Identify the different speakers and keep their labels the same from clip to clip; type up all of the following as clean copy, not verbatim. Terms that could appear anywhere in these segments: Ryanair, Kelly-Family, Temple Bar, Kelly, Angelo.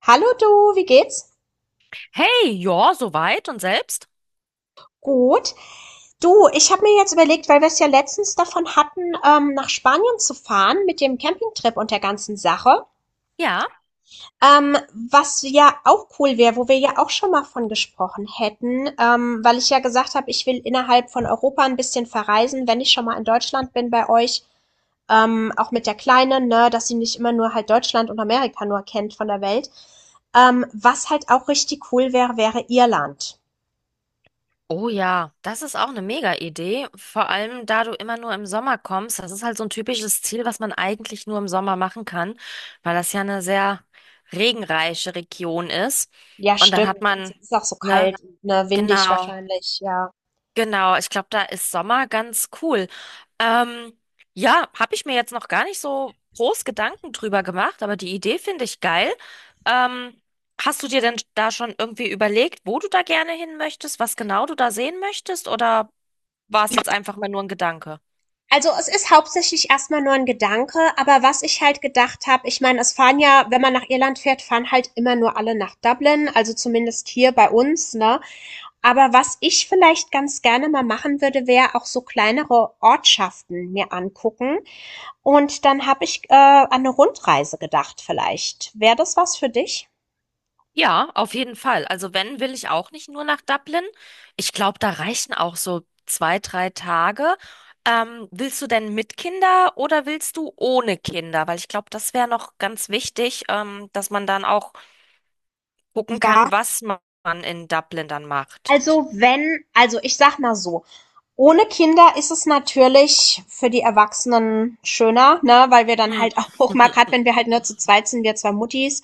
Speaker 1: Hallo du, wie geht's?
Speaker 2: Hey, ja, soweit und selbst?
Speaker 1: Gut. Du, ich habe mir jetzt überlegt, weil wir es ja letztens davon hatten, nach Spanien zu fahren mit dem Campingtrip und der ganzen Sache.
Speaker 2: Ja.
Speaker 1: Was ja auch cool wäre, wo wir ja auch schon mal von gesprochen hätten, weil ich ja gesagt habe, ich will innerhalb von Europa ein bisschen verreisen, wenn ich schon mal in Deutschland bin bei euch, auch mit der Kleinen, ne, dass sie nicht immer nur halt Deutschland und Amerika nur kennt von der Welt. Was halt auch richtig cool wäre, wäre Irland.
Speaker 2: Oh ja, das ist auch eine Mega-Idee. Vor allem, da du immer nur im Sommer kommst. Das ist halt so ein typisches Ziel, was man eigentlich nur im Sommer machen kann, weil das ja eine sehr regenreiche Region ist.
Speaker 1: Ja,
Speaker 2: Und dann hat
Speaker 1: stimmt. Es
Speaker 2: man,
Speaker 1: ist auch so
Speaker 2: ne,
Speaker 1: kalt, ne, windig
Speaker 2: genau.
Speaker 1: wahrscheinlich, ja.
Speaker 2: Genau, ich glaube, da ist Sommer ganz cool. Ähm, ja, habe ich mir jetzt noch gar nicht so groß Gedanken drüber gemacht, aber die Idee finde ich geil. Ähm, hast du dir denn da schon irgendwie überlegt, wo du da gerne hin möchtest, was genau du da sehen möchtest, oder war es jetzt einfach mal nur ein Gedanke?
Speaker 1: Also es ist hauptsächlich erstmal nur ein Gedanke, aber was ich halt gedacht habe, ich meine, es fahren ja, wenn man nach Irland fährt, fahren halt immer nur alle nach Dublin, also zumindest hier bei uns, ne? Aber was ich vielleicht ganz gerne mal machen würde, wäre auch so kleinere Ortschaften mir angucken. Und dann habe ich an eine Rundreise gedacht vielleicht. Wäre das was für dich?
Speaker 2: Ja, auf jeden Fall. Also wenn, will ich auch nicht nur nach Dublin. Ich glaube, da reichen auch so zwei, drei Tage. Willst du denn mit Kinder oder willst du ohne Kinder? Weil ich glaube, das wäre noch ganz wichtig, dass man dann auch gucken
Speaker 1: Ja,
Speaker 2: kann, was man in Dublin dann macht.
Speaker 1: also wenn also ich sag mal so, ohne Kinder ist es natürlich für die Erwachsenen schöner, ne, weil wir dann
Speaker 2: Hm.
Speaker 1: halt auch mal, gerade, wenn wir halt nur zu zweit sind, wir zwei Muttis,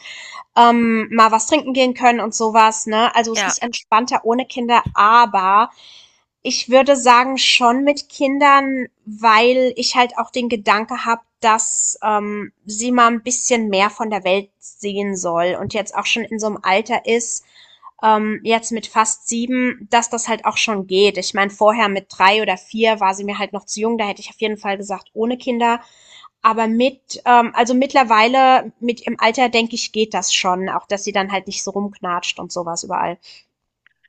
Speaker 1: mal was trinken gehen können und sowas, ne? Also es
Speaker 2: Ja.
Speaker 1: ist entspannter ohne Kinder, aber ich würde sagen schon mit Kindern, weil ich halt auch den Gedanke habe, dass sie mal ein bisschen mehr von der Welt sehen soll und jetzt auch schon in so einem Alter ist, jetzt mit fast sieben, dass das halt auch schon geht. Ich meine, vorher mit drei oder vier war sie mir halt noch zu jung, da hätte ich auf jeden Fall gesagt, ohne Kinder. Aber mit, also mittlerweile, mit im Alter, denke ich, geht das schon. Auch, dass sie dann halt nicht so rumknatscht und sowas überall.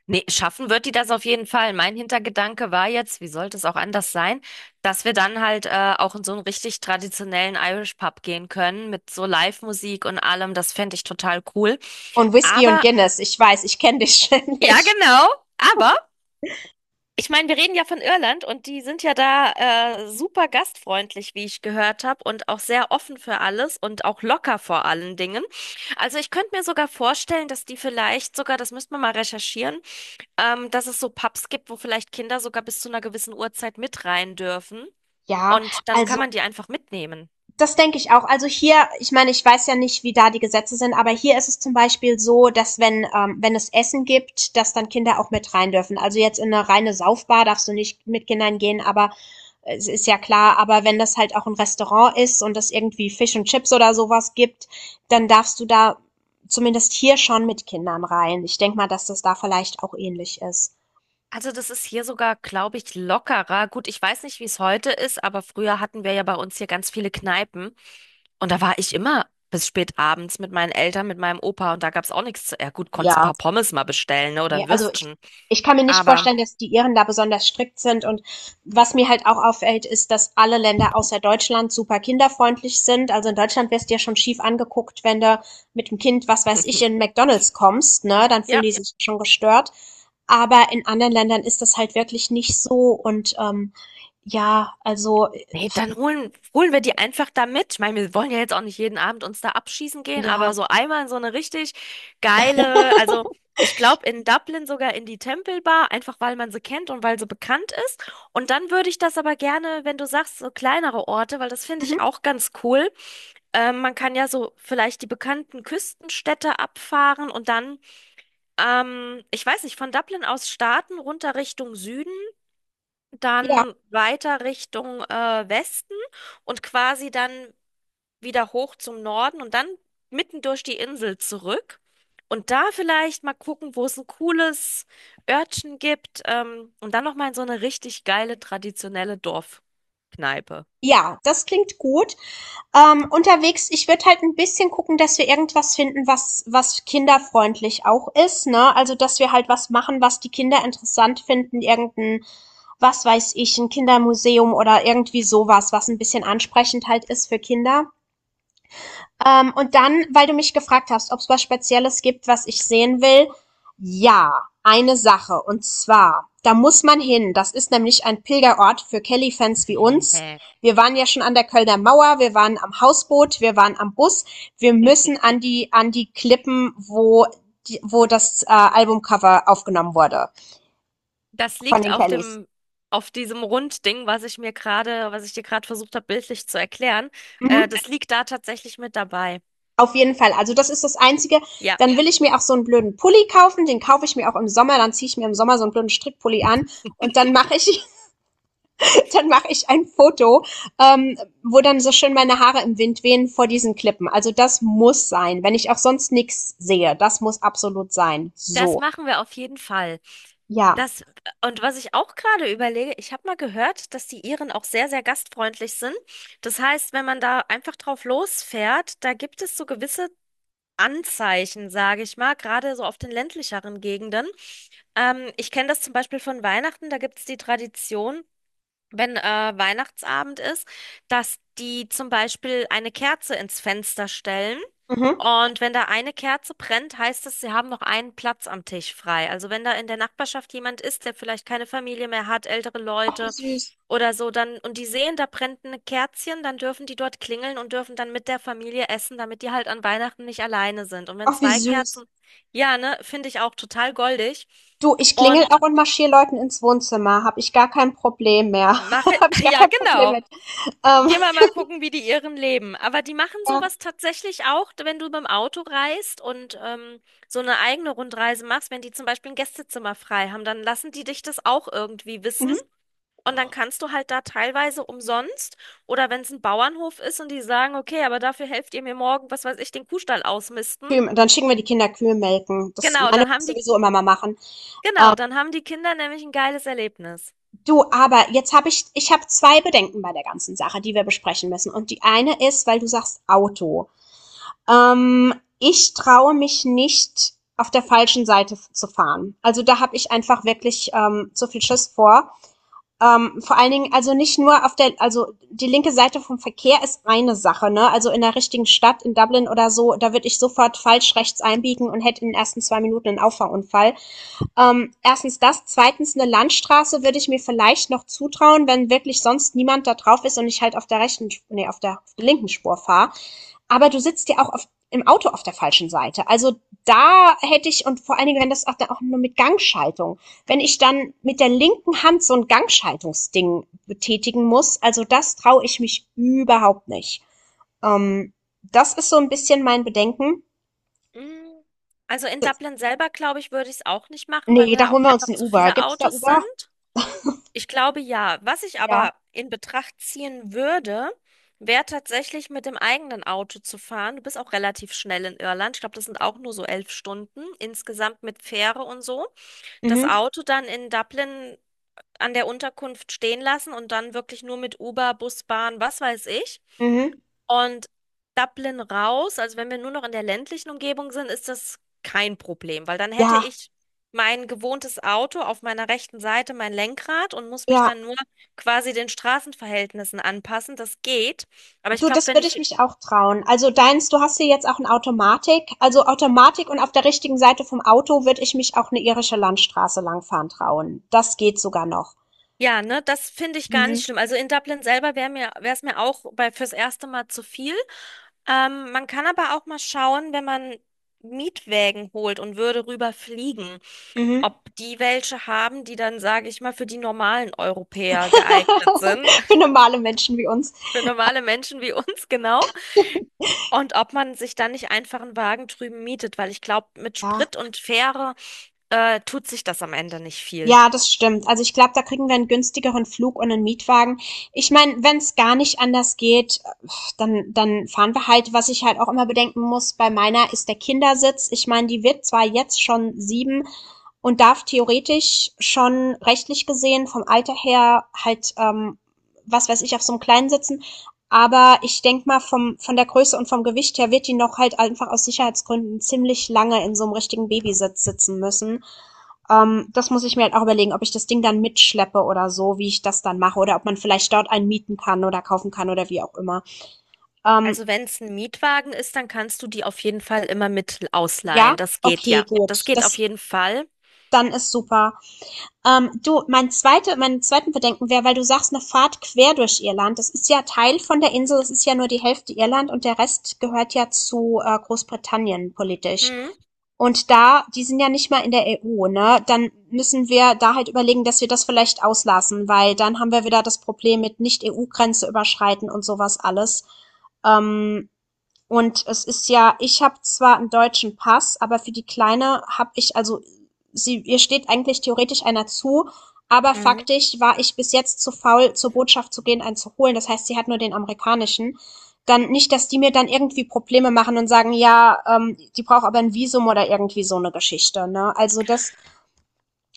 Speaker 2: Nee, schaffen wird die das auf jeden Fall. Mein Hintergedanke war jetzt, wie sollte es auch anders sein, dass wir dann halt auch in so einen richtig traditionellen Irish Pub gehen können mit so Live-Musik und allem. Das fände ich total cool.
Speaker 1: Und Whisky und
Speaker 2: Aber,
Speaker 1: Guinness, ich weiß, ich kenne dich
Speaker 2: ja,
Speaker 1: ständig.
Speaker 2: genau. Aber, ich meine, wir reden ja von Irland und die sind ja da super gastfreundlich, wie ich gehört habe, und auch sehr offen für alles und auch locker vor allen Dingen. Also ich könnte mir sogar vorstellen, dass die vielleicht sogar, das müsste man mal recherchieren, dass es so Pubs gibt, wo vielleicht Kinder sogar bis zu einer gewissen Uhrzeit mit rein dürfen.
Speaker 1: Ja,
Speaker 2: Und dann kann
Speaker 1: also
Speaker 2: man die einfach mitnehmen.
Speaker 1: das denke ich auch. Also hier, ich meine, ich weiß ja nicht, wie da die Gesetze sind, aber hier ist es zum Beispiel so, dass wenn, wenn es Essen gibt, dass dann Kinder auch mit rein dürfen. Also jetzt in eine reine Saufbar darfst du nicht mit Kindern gehen, aber es ist ja klar, aber wenn das halt auch ein Restaurant ist und es irgendwie Fisch und Chips oder sowas gibt, dann darfst du da zumindest hier schon mit Kindern rein. Ich denke mal, dass das da vielleicht auch ähnlich ist.
Speaker 2: Also das ist hier sogar, glaube ich, lockerer. Gut, ich weiß nicht, wie es heute ist, aber früher hatten wir ja bei uns hier ganz viele Kneipen. Und da war ich immer bis spät abends mit meinen Eltern, mit meinem Opa. Und da gab es auch nichts zu. Ja gut, konntest ein
Speaker 1: Ja,
Speaker 2: paar Pommes mal bestellen, ne, oder
Speaker 1: ne,
Speaker 2: ein
Speaker 1: also ich
Speaker 2: Würstchen.
Speaker 1: ich kann mir nicht
Speaker 2: Aber
Speaker 1: vorstellen, dass die Iren da besonders strikt sind. Und was mir halt auch auffällt, ist, dass alle Länder außer Deutschland super kinderfreundlich sind. Also in Deutschland wirst du ja schon schief angeguckt, wenn du mit dem Kind, was weiß ich, in McDonald's kommst, ne? Dann fühlen
Speaker 2: ja.
Speaker 1: die sich schon gestört. Aber in anderen Ländern ist das halt wirklich nicht so. Und ja, also
Speaker 2: Nee, dann holen wir die einfach da mit. Ich meine, wir wollen ja jetzt auch nicht jeden Abend uns da abschießen gehen, aber
Speaker 1: ja.
Speaker 2: so einmal in so eine richtig geile, also ich glaube in Dublin sogar in die Temple Bar, einfach weil man sie kennt und weil sie bekannt ist. Und dann würde ich das aber gerne, wenn du sagst, so kleinere Orte, weil das finde
Speaker 1: Mhm.
Speaker 2: ich auch ganz cool. Man kann ja so vielleicht die bekannten Küstenstädte abfahren und dann, ich weiß nicht, von Dublin aus starten, runter Richtung Süden
Speaker 1: Ja,
Speaker 2: dann weiter Richtung Westen und quasi dann wieder hoch zum Norden und dann mitten durch die Insel zurück. Und da vielleicht mal gucken, wo es ein cooles Örtchen gibt. Und dann nochmal in so eine richtig geile traditionelle Dorfkneipe.
Speaker 1: ja, das klingt gut. Unterwegs, ich würde halt ein bisschen gucken, dass wir irgendwas finden, was kinderfreundlich auch ist, ne? Also, dass wir halt was machen, was die Kinder interessant finden, irgendein, was weiß ich, ein Kindermuseum oder irgendwie sowas, was ein bisschen ansprechend halt ist für Kinder. Und dann, weil du mich gefragt hast, ob es was Spezielles gibt, was ich sehen will. Ja, eine Sache. Und zwar, da muss man hin. Das ist nämlich ein Pilgerort für Kelly-Fans wie uns. Wir waren ja schon an der Kölner Mauer, wir waren am Hausboot, wir waren am Bus. Wir müssen an die Klippen, wo, die, wo das Albumcover aufgenommen wurde
Speaker 2: Das
Speaker 1: von
Speaker 2: liegt
Speaker 1: den
Speaker 2: auf
Speaker 1: Kellys.
Speaker 2: dem, auf diesem Rundding, was ich mir gerade, was ich dir gerade versucht habe, bildlich zu erklären.
Speaker 1: Mhm.
Speaker 2: Das liegt da tatsächlich mit dabei.
Speaker 1: Auf jeden Fall. Also das ist das Einzige.
Speaker 2: Ja,
Speaker 1: Dann will ich mir auch so einen blöden Pulli kaufen. Den kaufe ich mir auch im Sommer. Dann ziehe ich mir im Sommer so einen blöden Strickpulli an und dann mache ich ein Foto, ähm, wo dann so schön meine Haare im Wind wehen vor diesen Klippen. Also das muss sein, wenn ich auch sonst nichts sehe. Das muss absolut sein.
Speaker 2: das
Speaker 1: So,
Speaker 2: machen wir auf jeden Fall.
Speaker 1: ja.
Speaker 2: Das, und was ich auch gerade überlege, ich habe mal gehört, dass die Iren auch sehr, sehr gastfreundlich sind. Das heißt, wenn man da einfach drauf losfährt, da gibt es so gewisse Anzeichen, sage ich mal, gerade so auf den ländlicheren Gegenden. Ich kenne das zum Beispiel von Weihnachten, da gibt es die Tradition, wenn Weihnachtsabend ist, dass die zum Beispiel eine Kerze ins Fenster stellen.
Speaker 1: Mhm.
Speaker 2: Und wenn da eine Kerze brennt, heißt es, sie haben noch einen Platz am Tisch frei. Also wenn da in der Nachbarschaft jemand ist, der vielleicht keine Familie mehr hat, ältere
Speaker 1: Ach wie
Speaker 2: Leute
Speaker 1: süß.
Speaker 2: oder so, dann und die sehen, da brennt ein Kerzchen, dann dürfen die dort klingeln und dürfen dann mit der Familie essen, damit die halt an Weihnachten nicht alleine sind. Und wenn
Speaker 1: Ach wie
Speaker 2: zwei Kerzen,
Speaker 1: süß.
Speaker 2: ja, ne, finde ich auch total goldig.
Speaker 1: Du, ich klingel
Speaker 2: Und
Speaker 1: auch und marschiere Leuten ins Wohnzimmer. Habe ich gar kein Problem mehr.
Speaker 2: mache,
Speaker 1: Habe ich gar
Speaker 2: ja,
Speaker 1: kein Problem
Speaker 2: genau.
Speaker 1: mit. Ähm,
Speaker 2: Gehen wir mal gucken, wie die Iren leben. Aber die machen
Speaker 1: ja.
Speaker 2: sowas tatsächlich auch, wenn du beim Auto reist und so eine eigene Rundreise machst, wenn die zum Beispiel ein Gästezimmer frei haben, dann lassen die dich das auch irgendwie wissen.
Speaker 1: Mhm.
Speaker 2: Und dann kannst du halt da teilweise umsonst oder wenn es ein Bauernhof ist und die sagen, okay, aber dafür helft ihr mir morgen, was weiß ich, den Kuhstall ausmisten.
Speaker 1: Kühe, dann schicken wir die Kinder Kühe melken. Das
Speaker 2: Genau,
Speaker 1: meine
Speaker 2: dann
Speaker 1: ich
Speaker 2: haben die,
Speaker 1: sowieso immer mal machen.
Speaker 2: genau,
Speaker 1: Ähm,
Speaker 2: dann haben die Kinder nämlich ein geiles Erlebnis.
Speaker 1: du, aber ich habe zwei Bedenken bei der ganzen Sache, die wir besprechen müssen. Und die eine ist, weil du sagst Auto. Ähm, ich traue mich nicht, auf der falschen Seite zu fahren. Also da habe ich einfach wirklich zu viel Schiss vor. Vor allen Dingen, also nicht nur auf der, also die linke Seite vom Verkehr ist eine Sache, ne? Also in der richtigen Stadt, in Dublin oder so, da würde ich sofort falsch rechts einbiegen und hätte in den ersten zwei Minuten einen Auffahrunfall. Erstens das, zweitens eine Landstraße würde ich mir vielleicht noch zutrauen, wenn wirklich sonst niemand da drauf ist und ich halt auf der rechten, nee, auf der linken Spur fahre. Aber du sitzt ja im Auto auf der falschen Seite. Also da hätte ich, und vor allen Dingen, wenn das auch, dann auch nur mit Gangschaltung, wenn ich dann mit der linken Hand so ein Gangschaltungsding betätigen muss, also das traue ich mich überhaupt nicht. Ähm, das ist so ein bisschen mein Bedenken.
Speaker 2: Mm. Also in Dublin selber, glaube ich, würde ich es auch nicht machen, weil
Speaker 1: Nee,
Speaker 2: mir
Speaker 1: da
Speaker 2: da auch
Speaker 1: holen wir uns
Speaker 2: einfach
Speaker 1: ein
Speaker 2: zu
Speaker 1: Uber.
Speaker 2: viele
Speaker 1: Gibt's da
Speaker 2: Autos
Speaker 1: Uber?
Speaker 2: sind. Ich glaube ja. Was ich
Speaker 1: Ja.
Speaker 2: aber in Betracht ziehen würde, wäre tatsächlich mit dem eigenen Auto zu fahren. Du bist auch relativ schnell in Irland. Ich glaube, das sind auch nur so 11 Stunden insgesamt mit Fähre und so. Das
Speaker 1: Mhm,
Speaker 2: Auto dann in Dublin an der Unterkunft stehen lassen und dann wirklich nur mit Uber, Bus, Bahn, was weiß ich.
Speaker 1: mhm.
Speaker 2: Und Dublin raus, also wenn wir nur noch in der ländlichen Umgebung sind, ist das kein Problem, weil dann hätte
Speaker 1: Ja,
Speaker 2: ich mein gewohntes Auto auf meiner rechten Seite, mein Lenkrad und muss mich
Speaker 1: ja.
Speaker 2: dann nur quasi den Straßenverhältnissen anpassen. Das geht. Aber ich
Speaker 1: Du,
Speaker 2: glaube,
Speaker 1: das
Speaker 2: wenn
Speaker 1: würde ich
Speaker 2: ich
Speaker 1: mich auch trauen. Also deins, du hast hier jetzt auch in Automatik. Also Automatik und auf der richtigen Seite vom Auto würde ich mich auch eine irische Landstraße langfahren trauen. Das geht sogar noch.
Speaker 2: Ja, ne, das finde ich gar nicht
Speaker 1: Mhm.
Speaker 2: schlimm. Also in Dublin selber wäre mir, wäre es mir auch bei, fürs erste Mal zu viel. Man kann aber auch mal schauen, wenn man Mietwägen holt und würde rüber fliegen,
Speaker 1: Mhm.
Speaker 2: ob die welche haben, die dann, sage ich mal, für die normalen Europäer geeignet sind,
Speaker 1: Für normale Menschen wie uns.
Speaker 2: für normale Menschen wie uns genau, und ob man sich dann nicht einfach einen Wagen drüben mietet, weil ich glaube, mit
Speaker 1: Ja.
Speaker 2: Sprit und Fähre, tut sich das am Ende nicht viel.
Speaker 1: Ja, das stimmt. Also ich glaube, da kriegen wir einen günstigeren Flug und einen Mietwagen. Ich meine, wenn es gar nicht anders geht, dann fahren wir halt. Was ich halt auch immer bedenken muss, bei meiner ist der Kindersitz. Ich meine, die wird zwar jetzt schon 7 und darf theoretisch schon rechtlich gesehen vom Alter her halt, was weiß ich, auf so einem Kleinen sitzen, aber ich denk mal, vom von der Größe und vom Gewicht her wird die noch halt einfach aus Sicherheitsgründen ziemlich lange in so einem richtigen Babysitz sitzen müssen. Das muss ich mir halt auch überlegen, ob ich das Ding dann mitschleppe oder so, wie ich das dann mache, oder ob man vielleicht dort einen mieten kann oder kaufen kann oder wie auch immer. Ähm,
Speaker 2: Also wenn es ein Mietwagen ist, dann kannst du die auf jeden Fall immer mit ausleihen.
Speaker 1: ja,
Speaker 2: Das geht
Speaker 1: okay,
Speaker 2: ja. Das
Speaker 1: gut.
Speaker 2: geht auf
Speaker 1: Das
Speaker 2: jeden Fall.
Speaker 1: dann ist super. Du, mein zweiten Bedenken wäre, weil du sagst, eine Fahrt quer durch Irland. Das ist ja Teil von der Insel, es ist ja nur die Hälfte Irland und der Rest gehört ja zu Großbritannien politisch.
Speaker 2: Mhm.
Speaker 1: Und da, die sind ja nicht mal in der EU, ne? Dann müssen wir da halt überlegen, dass wir das vielleicht auslassen, weil dann haben wir wieder das Problem mit Nicht-EU-Grenze überschreiten und sowas alles. Ähm, und es ist ja, ich habe zwar einen deutschen Pass, aber für die Kleine habe ich, also sie, ihr steht eigentlich theoretisch einer zu, aber
Speaker 2: Mhm.
Speaker 1: faktisch war ich bis jetzt zu faul, zur Botschaft zu gehen, einen zu holen. Das heißt, sie hat nur den amerikanischen. Dann nicht, dass die mir dann irgendwie Probleme machen und sagen, ja, die braucht aber ein Visum oder irgendwie so eine Geschichte. Ne? Also das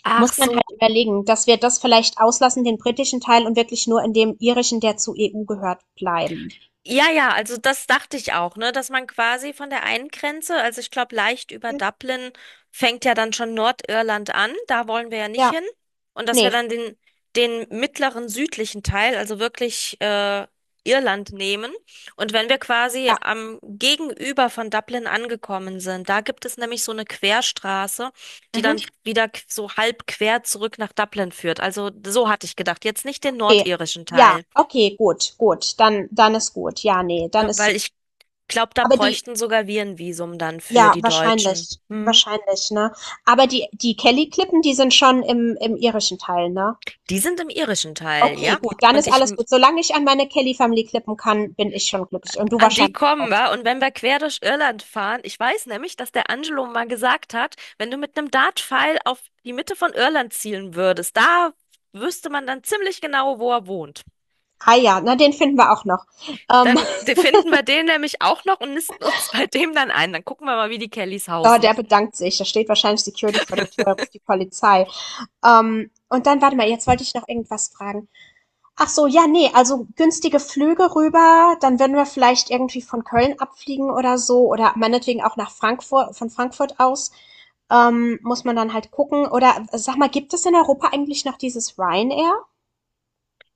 Speaker 2: Ach
Speaker 1: muss man
Speaker 2: so,
Speaker 1: halt überlegen, dass wir das vielleicht auslassen, den britischen Teil und wirklich nur in dem irischen, der zur EU gehört, bleiben.
Speaker 2: ja, ja, also das dachte ich auch, ne, dass man quasi von der einen Grenze, also ich glaube leicht über Dublin fängt ja dann schon Nordirland an, da wollen wir ja nicht
Speaker 1: Ja,
Speaker 2: hin und dass wir
Speaker 1: nee,
Speaker 2: dann den den mittleren südlichen Teil, also wirklich Irland nehmen und wenn wir quasi
Speaker 1: ja.
Speaker 2: am Gegenüber von Dublin angekommen sind, da gibt es nämlich so eine Querstraße, die dann
Speaker 1: Mhm.
Speaker 2: wieder so halb quer zurück nach Dublin führt. Also so hatte ich gedacht, jetzt nicht den
Speaker 1: Okay,
Speaker 2: nordirischen
Speaker 1: ja,
Speaker 2: Teil.
Speaker 1: okay, gut, gut, dann ist gut. Ja, nee, dann
Speaker 2: Ja,
Speaker 1: ist
Speaker 2: weil ich glaube, da
Speaker 1: aber die
Speaker 2: bräuchten sogar wir ein Visum dann für
Speaker 1: ja,
Speaker 2: die Deutschen.
Speaker 1: wahrscheinlich,
Speaker 2: Hm.
Speaker 1: wahrscheinlich, ne? Aber die Kelly-Klippen, die sind schon im irischen Teil, ne?
Speaker 2: Die sind im irischen Teil,
Speaker 1: Okay,
Speaker 2: ja?
Speaker 1: gut, dann
Speaker 2: Und
Speaker 1: ist
Speaker 2: ich,
Speaker 1: alles gut. Solange ich an meine Kelly-Family klippen kann, bin ich schon glücklich und du
Speaker 2: an die
Speaker 1: wahrscheinlich
Speaker 2: kommen
Speaker 1: auch.
Speaker 2: wir. Und wenn wir quer durch Irland fahren, ich weiß nämlich, dass der Angelo mal gesagt hat, wenn du mit einem Dartpfeil auf die Mitte von Irland zielen würdest, da wüsste man dann ziemlich genau, wo er wohnt.
Speaker 1: Ah ja, na, den finden wir auch noch. Ähm,
Speaker 2: Dann finden wir den nämlich auch noch und nisten uns bei dem dann ein. Dann gucken wir mal, wie die Kellys
Speaker 1: oh,
Speaker 2: hausen.
Speaker 1: der bedankt sich. Da steht wahrscheinlich Security vor der Tür, ruft die Polizei. Und dann, warte mal, jetzt wollte ich noch irgendwas fragen. Ach so, ja, ne, also günstige Flüge rüber, dann würden wir vielleicht irgendwie von Köln abfliegen oder so oder meinetwegen auch nach Frankfurt, von Frankfurt aus. Muss man dann halt gucken. Oder sag mal, gibt es in Europa eigentlich noch dieses Ryanair?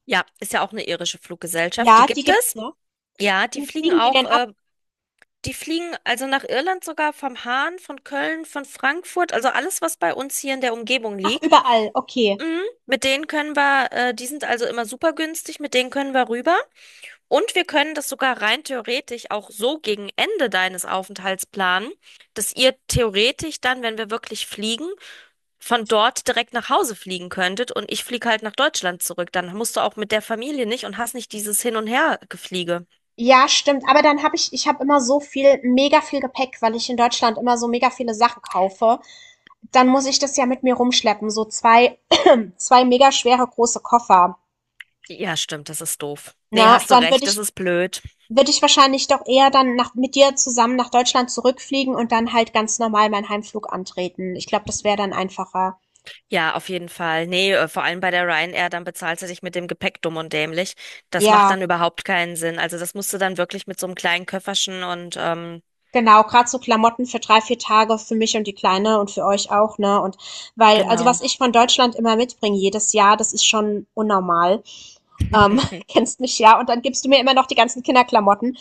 Speaker 2: Ja, ist ja auch eine irische Fluggesellschaft. Die
Speaker 1: Ja, die
Speaker 2: gibt
Speaker 1: gibt's
Speaker 2: es.
Speaker 1: noch.
Speaker 2: Ja, die
Speaker 1: Wo
Speaker 2: fliegen
Speaker 1: fliegen die
Speaker 2: auch,
Speaker 1: denn ab?
Speaker 2: die fliegen also nach Irland sogar vom Hahn, von Köln, von Frankfurt, also alles, was bei uns hier in der Umgebung
Speaker 1: Ach,
Speaker 2: liegt.
Speaker 1: überall. Okay.
Speaker 2: Mhm. Mit denen können wir, die sind also immer super günstig, mit denen können wir rüber. Und wir können das sogar rein theoretisch auch so gegen Ende deines Aufenthalts planen, dass ihr theoretisch dann, wenn wir wirklich fliegen, von dort direkt nach Hause fliegen könntet und ich fliege halt nach Deutschland zurück. Dann musst du auch mit der Familie nicht und hast nicht dieses Hin- und Her-Gefliege.
Speaker 1: Ja, stimmt. Aber ich habe immer so viel, mega viel Gepäck, weil ich in Deutschland immer so mega viele Sachen kaufe. Dann muss ich das ja mit mir rumschleppen. So zwei mega schwere große Koffer.
Speaker 2: Ja, stimmt, das ist doof. Nee,
Speaker 1: Na,
Speaker 2: hast du
Speaker 1: dann
Speaker 2: recht, das ist blöd.
Speaker 1: würde ich wahrscheinlich doch eher mit dir zusammen nach Deutschland zurückfliegen und dann halt ganz normal meinen Heimflug antreten. Ich glaube, das wäre dann einfacher.
Speaker 2: Ja, auf jeden Fall. Nee, vor allem bei der Ryanair, dann bezahlst du dich mit dem Gepäck dumm und dämlich. Das macht
Speaker 1: Ja,
Speaker 2: dann überhaupt keinen Sinn. Also das musst du dann wirklich mit so einem kleinen Köfferchen und
Speaker 1: genau. Gerade so Klamotten für drei, vier Tage für mich und die Kleine und für euch auch, ne? Und weil, also was
Speaker 2: genau.
Speaker 1: ich von Deutschland immer mitbringe jedes Jahr, das ist schon unnormal. Ähm, kennst mich ja. Und dann gibst du mir immer noch die ganzen Kinderklamotten.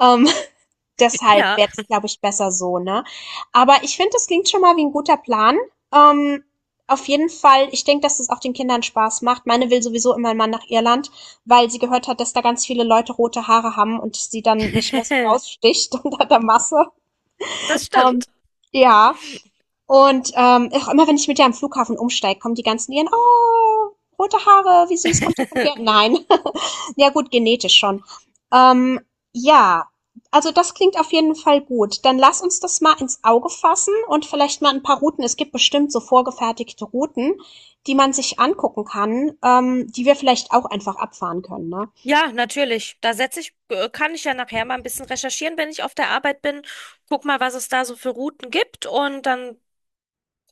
Speaker 1: Ähm, deshalb
Speaker 2: Ja,
Speaker 1: wäre es, glaube ich, besser so, ne? Aber ich finde, das klingt schon mal wie ein guter Plan. Ähm, auf jeden Fall, ich denke, dass es auch den Kindern Spaß macht. Meine will sowieso immer mal nach Irland, weil sie gehört hat, dass da ganz viele Leute rote Haare haben und sie dann nicht mehr so raussticht unter der Masse.
Speaker 2: das
Speaker 1: Ähm,
Speaker 2: stimmt.
Speaker 1: ja. Und auch immer, wenn ich mit ihr am Flughafen umsteige, kommen die ganzen ihren, oh, rote Haare, wie süß, kommt ihr von hier? Nein. Ja gut, genetisch schon. Ähm, ja, also das klingt auf jeden Fall gut. Dann lass uns das mal ins Auge fassen und vielleicht mal ein paar Routen. Es gibt bestimmt so vorgefertigte Routen, die man sich angucken kann, die wir vielleicht auch einfach abfahren können, ne?
Speaker 2: Ja, natürlich. Da setze ich, kann ich ja nachher mal ein bisschen recherchieren, wenn ich auf der Arbeit bin. Guck mal, was es da so für Routen gibt und dann gucken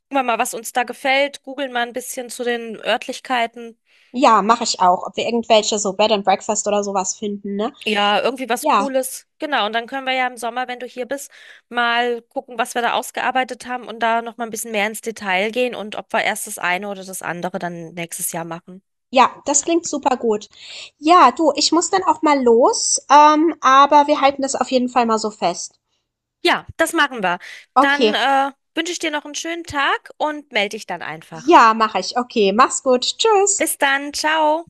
Speaker 2: wir mal, was uns da gefällt. Googeln mal ein bisschen zu den Örtlichkeiten.
Speaker 1: Ja, mache ich auch. Ob wir irgendwelche so Bed and Breakfast oder sowas finden, ne?
Speaker 2: Ja, irgendwie was
Speaker 1: Ja.
Speaker 2: Cooles. Genau. Und dann können wir ja im Sommer, wenn du hier bist, mal gucken, was wir da ausgearbeitet haben und da noch mal ein bisschen mehr ins Detail gehen und ob wir erst das eine oder das andere dann nächstes Jahr machen.
Speaker 1: Ja, das klingt super gut. Ja, du, ich muss dann auch mal los, aber wir halten das auf jeden Fall mal so fest.
Speaker 2: Ja, das machen wir. Dann,
Speaker 1: Okay.
Speaker 2: wünsche ich dir noch einen schönen Tag und melde dich dann einfach.
Speaker 1: Ja, mache ich. Okay, mach's gut. Tschüss.
Speaker 2: Bis dann. Ciao.